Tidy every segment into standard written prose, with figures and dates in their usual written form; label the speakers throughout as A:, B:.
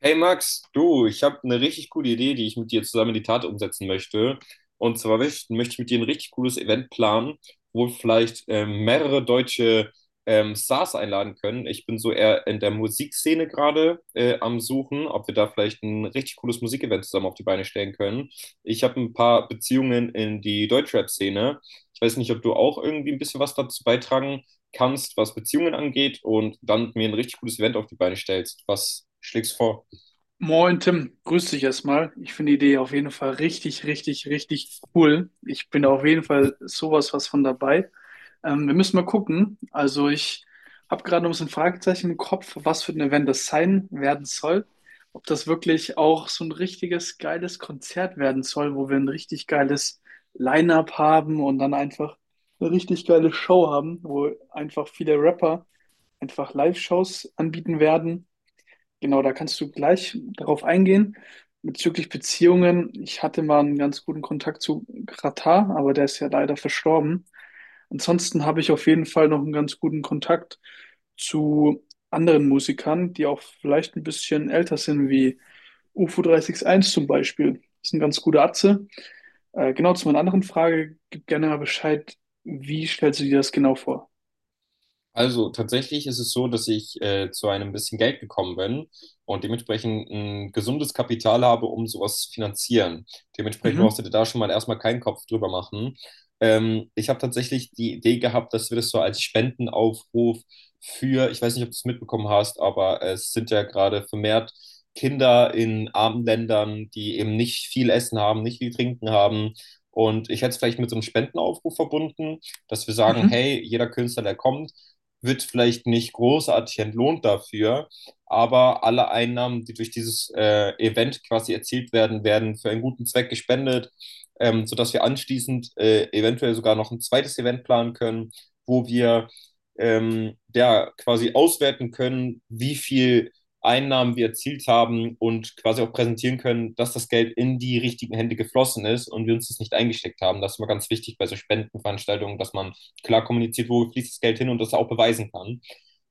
A: Hey Max, du, ich habe eine richtig coole Idee, die ich mit dir zusammen in die Tat umsetzen möchte. Und zwar möchte ich mit dir ein richtig cooles Event planen, wo wir vielleicht mehrere deutsche Stars einladen können. Ich bin so eher in der Musikszene gerade am Suchen, ob wir da vielleicht ein richtig cooles Musikevent zusammen auf die Beine stellen können. Ich habe ein paar Beziehungen in die Deutschrap-Szene. Ich weiß nicht, ob du auch irgendwie ein bisschen was dazu beitragen kannst, was Beziehungen angeht, und dann mir ein richtig cooles Event auf die Beine stellst. Was schlägst du vor?
B: Moin Tim, grüß dich erstmal. Ich finde die Idee auf jeden Fall richtig, richtig, richtig cool. Ich bin auf jeden Fall sowas was von dabei. Wir müssen mal gucken. Also ich habe gerade noch ein bisschen Fragezeichen im Kopf, was für ein Event das sein werden soll. Ob das wirklich auch so ein richtiges geiles Konzert werden soll, wo wir ein richtig geiles Line-up haben und dann einfach eine richtig geile Show haben, wo einfach viele Rapper einfach Live-Shows anbieten werden. Genau, da kannst du gleich darauf eingehen. Bezüglich Beziehungen, ich hatte mal einen ganz guten Kontakt zu Katar, aber der ist ja leider verstorben. Ansonsten habe ich auf jeden Fall noch einen ganz guten Kontakt zu anderen Musikern, die auch vielleicht ein bisschen älter sind, wie UFO 361 zum Beispiel. Das ist ein ganz guter Atze. Genau, zu meiner anderen Frage, gib gerne mal Bescheid, wie stellst du dir das genau vor?
A: Also tatsächlich ist es so, dass ich zu einem bisschen Geld gekommen bin und dementsprechend ein gesundes Kapital habe, um sowas zu finanzieren. Dementsprechend brauchst
B: Mhm,
A: du dir da schon mal erstmal keinen Kopf drüber machen. Ich habe tatsächlich die Idee gehabt, dass wir das so als Spendenaufruf für, ich weiß nicht, ob du es mitbekommen hast, aber es sind ja gerade vermehrt Kinder in armen Ländern, die eben nicht viel Essen haben, nicht viel Trinken haben. Und ich hätte es vielleicht mit so einem Spendenaufruf verbunden, dass wir sagen,
B: mhm,
A: hey, jeder Künstler, der kommt, wird vielleicht nicht großartig entlohnt dafür, aber alle Einnahmen, die durch dieses Event quasi erzielt werden, werden für einen guten Zweck gespendet, sodass wir anschließend eventuell sogar noch ein zweites Event planen können, wo wir ja, quasi auswerten können, wie viel Einnahmen wir erzielt haben und quasi auch präsentieren können, dass das Geld in die richtigen Hände geflossen ist und wir uns das nicht eingesteckt haben. Das ist immer ganz wichtig bei so Spendenveranstaltungen, dass man klar kommuniziert, wo fließt das Geld hin, und das auch beweisen kann.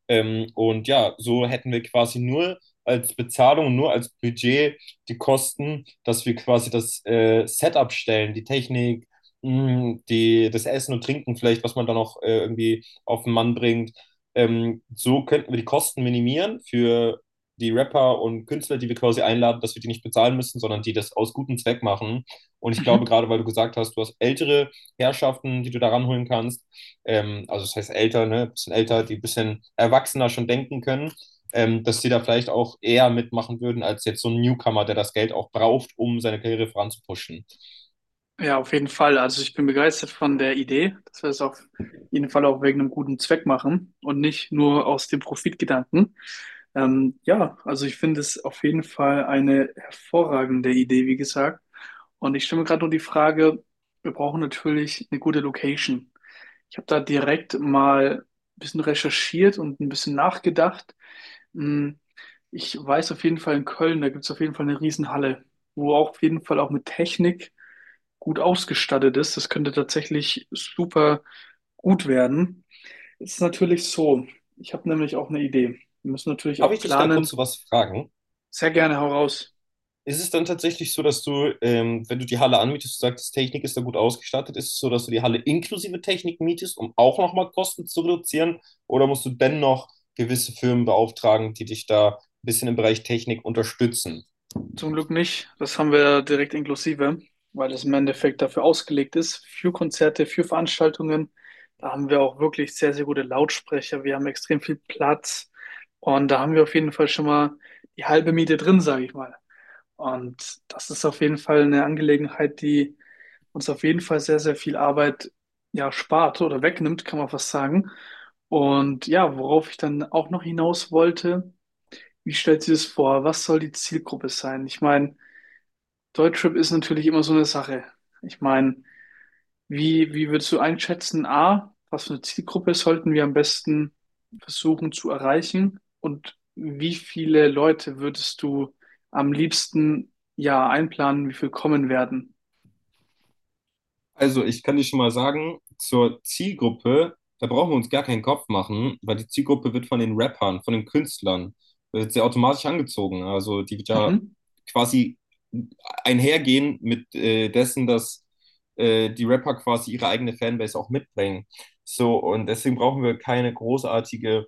A: Und ja, so hätten wir quasi nur als Bezahlung, nur als Budget die Kosten, dass wir quasi das Setup stellen, die Technik, das Essen und Trinken vielleicht, was man dann auch irgendwie auf den Mann bringt. So könnten wir die Kosten minimieren für die Rapper und Künstler, die wir quasi einladen, dass wir die nicht bezahlen müssen, sondern die das aus gutem Zweck machen. Und ich glaube,
B: mhm.
A: gerade weil du gesagt hast, du hast ältere Herrschaften, die du da ranholen kannst, also das heißt älter, ne, bisschen älter, die ein bisschen erwachsener schon denken können, dass die da vielleicht auch eher mitmachen würden, als jetzt so ein Newcomer, der das Geld auch braucht, um seine Karriere voranzupushen.
B: Ja, auf jeden Fall. Also ich bin begeistert von der Idee, dass wir es auf jeden Fall auch wegen einem guten Zweck machen und nicht nur aus dem Profitgedanken. Ja, also ich finde es auf jeden Fall eine hervorragende Idee, wie gesagt. Und ich stelle mir gerade nur die Frage, wir brauchen natürlich eine gute Location. Ich habe da direkt mal ein bisschen recherchiert und ein bisschen nachgedacht. Hm, Ich weiß auf jeden Fall, in Köln, da gibt es auf jeden Fall eine Riesenhalle, wo auch auf jeden Fall auch mit Technik gut ausgestattet ist. Das könnte tatsächlich super gut werden. Es ist natürlich so, ich habe nämlich auch eine Idee. Wir müssen natürlich
A: Darf ich
B: auch
A: dich da kurz
B: planen.
A: so was fragen?
B: Sehr gerne, hau raus.
A: Ist es dann tatsächlich so, dass du, wenn du die Halle anmietest, du sagst, Technik ist da gut ausgestattet, ist es so, dass du die Halle inklusive Technik mietest, um auch nochmal Kosten zu reduzieren? Oder musst du dennoch gewisse Firmen beauftragen, die dich da ein bisschen im Bereich Technik unterstützen?
B: Zum Glück nicht. Das haben wir direkt inklusive, weil es im Endeffekt dafür ausgelegt ist, für Konzerte, für Veranstaltungen. Da haben wir auch wirklich sehr, sehr gute Lautsprecher. Wir haben extrem viel Platz. Und da haben wir auf jeden Fall schon mal die halbe Miete drin, sage ich mal. Und das ist auf jeden Fall eine Angelegenheit, die uns auf jeden Fall sehr, sehr viel Arbeit ja spart oder wegnimmt, kann man fast sagen. Und ja, worauf ich dann auch noch hinaus wollte, wie stellt sie das vor? Was soll die Zielgruppe sein? Ich meine, Deutschrap ist natürlich immer so eine Sache. Ich meine, wie würdest du einschätzen, A, was für eine Zielgruppe sollten wir am besten versuchen zu erreichen? Und wie viele Leute würdest du am liebsten ja einplanen, wie viel kommen werden?
A: Also, ich kann dir schon mal sagen, zur Zielgruppe, da brauchen wir uns gar keinen Kopf machen, weil die Zielgruppe wird von den Rappern, von den Künstlern, wird sie automatisch angezogen. Also, die wird ja
B: Mhm.
A: quasi einhergehen mit dessen, dass die Rapper quasi ihre eigene Fanbase auch mitbringen. So, und deswegen brauchen wir keine großartige,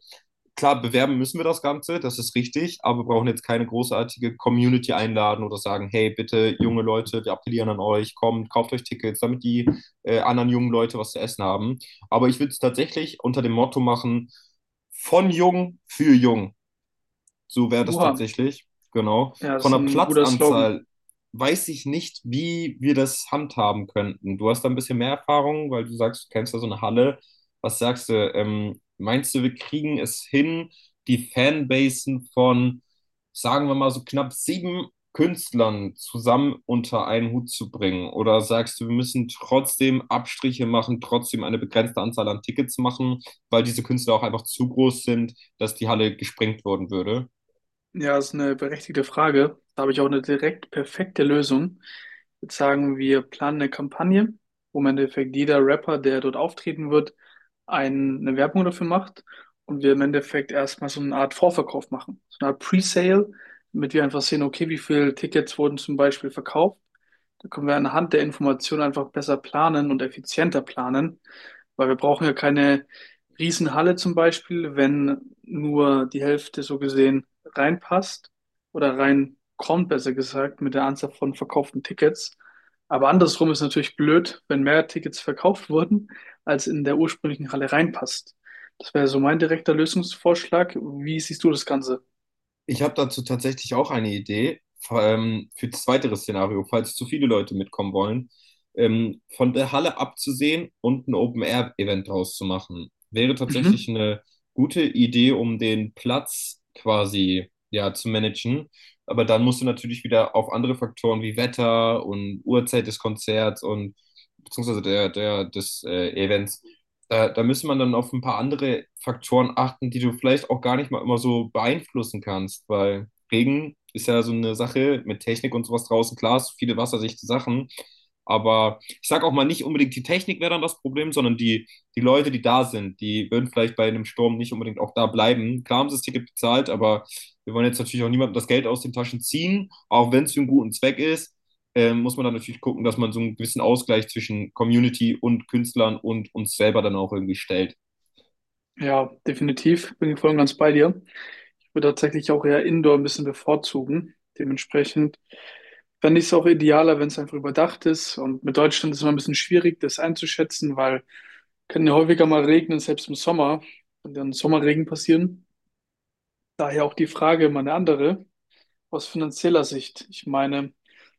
A: klar, bewerben müssen wir das Ganze, das ist richtig, aber wir brauchen jetzt keine großartige Community einladen oder sagen, hey, bitte, junge Leute, wir appellieren an euch, kommt, kauft euch Tickets, damit die anderen jungen Leute was zu essen haben. Aber ich würde es tatsächlich unter dem Motto machen, von jung für jung. So wäre das
B: Oha,
A: tatsächlich. Genau.
B: ja, das
A: Von
B: ist
A: der
B: ein guter Slogan.
A: Platzanzahl weiß ich nicht, wie wir das handhaben könnten. Du hast da ein bisschen mehr Erfahrung, weil du sagst, du kennst da so eine Halle. Was sagst du? Meinst du, wir kriegen es hin, die Fanbasen von, sagen wir mal, so knapp sieben Künstlern zusammen unter einen Hut zu bringen? Oder sagst du, wir müssen trotzdem Abstriche machen, trotzdem eine begrenzte Anzahl an Tickets machen, weil diese Künstler auch einfach zu groß sind, dass die Halle gesprengt worden würde?
B: Ja, ist eine berechtigte Frage. Da habe ich auch eine direkt perfekte Lösung. Jetzt sagen, wir planen eine Kampagne, wo im Endeffekt jeder Rapper, der dort auftreten wird, eine Werbung dafür macht, und wir im Endeffekt erstmal so eine Art Vorverkauf machen, so eine Art Pre-Sale, damit wir einfach sehen, okay, wie viele Tickets wurden zum Beispiel verkauft. Da können wir anhand der Informationen einfach besser planen und effizienter planen, weil wir brauchen ja keine Riesenhalle zum Beispiel, wenn nur die Hälfte so gesehen reinpasst oder reinkommt, besser gesagt, mit der Anzahl von verkauften Tickets. Aber andersrum ist natürlich blöd, wenn mehr Tickets verkauft wurden, als in der ursprünglichen Halle reinpasst. Das wäre so mein direkter Lösungsvorschlag. Wie siehst du das Ganze?
A: Ich habe dazu tatsächlich auch eine Idee, für das weitere Szenario, falls zu viele Leute mitkommen wollen, von der Halle abzusehen und ein Open-Air-Event draus zu machen. Wäre tatsächlich
B: Mhm.
A: eine gute Idee, um den Platz quasi, ja, zu managen. Aber dann musst du natürlich wieder auf andere Faktoren wie Wetter und Uhrzeit des Konzerts und beziehungsweise des Events, da da müsste man dann auf ein paar andere Faktoren achten, die du vielleicht auch gar nicht mal immer so beeinflussen kannst, weil Regen ist ja so eine Sache mit Technik und sowas draußen. Klar, es sind viele wasserdichte Sachen, aber ich sage auch mal nicht unbedingt, die Technik wäre dann das Problem, sondern die Leute, die da sind, die würden vielleicht bei einem Sturm nicht unbedingt auch da bleiben. Klar haben sie das Ticket bezahlt, aber wir wollen jetzt natürlich auch niemandem das Geld aus den Taschen ziehen, auch wenn es für einen guten Zweck ist, muss man dann natürlich gucken, dass man so einen gewissen Ausgleich zwischen Community und Künstlern und uns selber dann auch irgendwie stellt.
B: Ja, definitiv. Bin ich voll und ganz bei dir. Ich würde tatsächlich auch eher Indoor ein bisschen bevorzugen. Dementsprechend fände ich es auch idealer, wenn es einfach überdacht ist. Und mit Deutschland ist es immer ein bisschen schwierig, das einzuschätzen, weil kann ja häufiger mal regnen, selbst im Sommer. Kann dann Sommerregen passieren. Daher auch die Frage, immer eine andere aus finanzieller Sicht. Ich meine,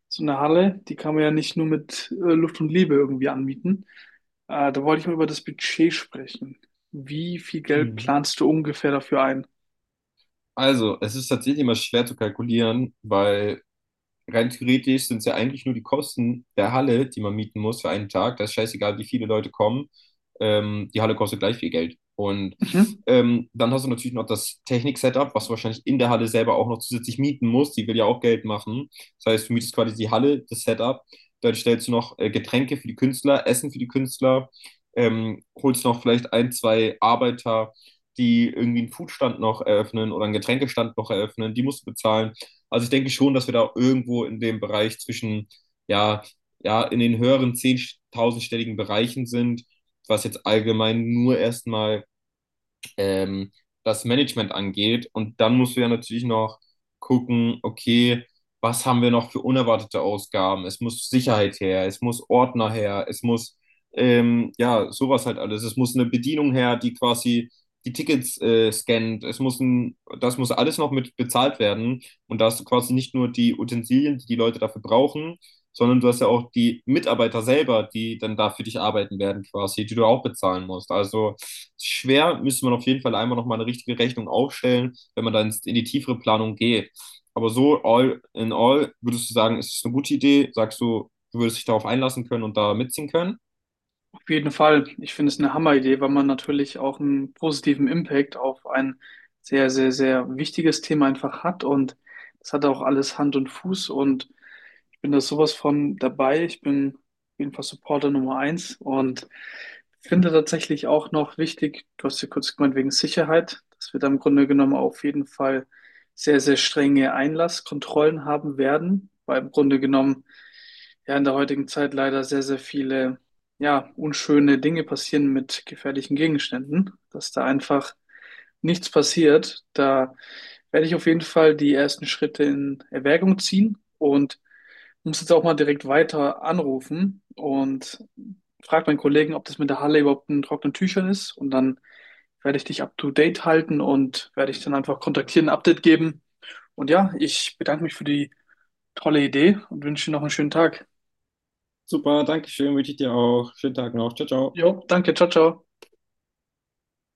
B: so eine Halle, die kann man ja nicht nur mit Luft und Liebe irgendwie anmieten. Da wollte ich mal über das Budget sprechen. Wie viel Geld
A: Mhm.
B: planst du ungefähr dafür ein?
A: Also, es ist tatsächlich immer schwer zu kalkulieren, weil rein theoretisch sind es ja eigentlich nur die Kosten der Halle, die man mieten muss für einen Tag. Das ist scheißegal, wie viele Leute kommen. Die Halle kostet gleich viel Geld. Und
B: Mhm.
A: dann hast du natürlich noch das Technik-Setup, was du wahrscheinlich in der Halle selber auch noch zusätzlich mieten musst. Die will ja auch Geld machen. Das heißt, du mietest quasi die Halle, das Setup. Dann stellst du noch Getränke für die Künstler, Essen für die Künstler, holst noch vielleicht ein, zwei Arbeiter, die irgendwie einen Foodstand noch eröffnen oder einen Getränkestand noch eröffnen. Die musst du bezahlen. Also ich denke schon, dass wir da irgendwo in dem Bereich zwischen, ja, ja, in den höheren zehntausendstelligen Bereichen sind, was jetzt allgemein nur erstmal ähm, das Management angeht. Und dann musst du ja natürlich noch gucken, okay, was haben wir noch für unerwartete Ausgaben? Es muss Sicherheit her, es muss Ordner her, es muss ja sowas halt alles. Es muss eine Bedienung her, die quasi die Tickets scannt. Das muss alles noch mit bezahlt werden, und da hast du quasi nicht nur die Utensilien, die die Leute dafür brauchen, sondern du hast ja auch die Mitarbeiter selber, die dann da für dich arbeiten werden quasi, die du auch bezahlen musst. Also schwer, müsste man auf jeden Fall einmal nochmal eine richtige Rechnung aufstellen, wenn man dann in die tiefere Planung geht. Aber so all in all, würdest du sagen, ist es eine gute Idee? Sagst du, du würdest dich darauf einlassen können und da mitziehen können?
B: Auf jeden Fall. Ich finde es eine Hammeridee, weil man natürlich auch einen positiven Impact auf ein sehr, sehr, sehr wichtiges Thema einfach hat. Und das hat auch alles Hand und Fuß. Und ich bin da sowas von dabei. Ich bin auf jeden Fall Supporter Nummer 1 und finde tatsächlich auch noch wichtig, du hast ja kurz gemeint, wegen Sicherheit, dass wir da im Grunde genommen auf jeden Fall sehr, sehr strenge Einlasskontrollen haben werden, weil im Grunde genommen ja in der heutigen Zeit leider sehr, sehr viele ja, unschöne Dinge passieren mit gefährlichen Gegenständen, dass da einfach nichts passiert. Da werde ich auf jeden Fall die ersten Schritte in Erwägung ziehen und muss jetzt auch mal direkt weiter anrufen und frage meinen Kollegen, ob das mit der Halle überhaupt in trockenen Tüchern ist. Und dann werde ich dich up to date halten und werde dich dann einfach kontaktieren, ein Update geben. Und ja, ich bedanke mich für die tolle Idee und wünsche dir noch einen schönen Tag.
A: Super, danke schön, wünsche ich dir auch. Schönen Tag noch. Ciao, ciao.
B: Jo, danke, ciao, ciao.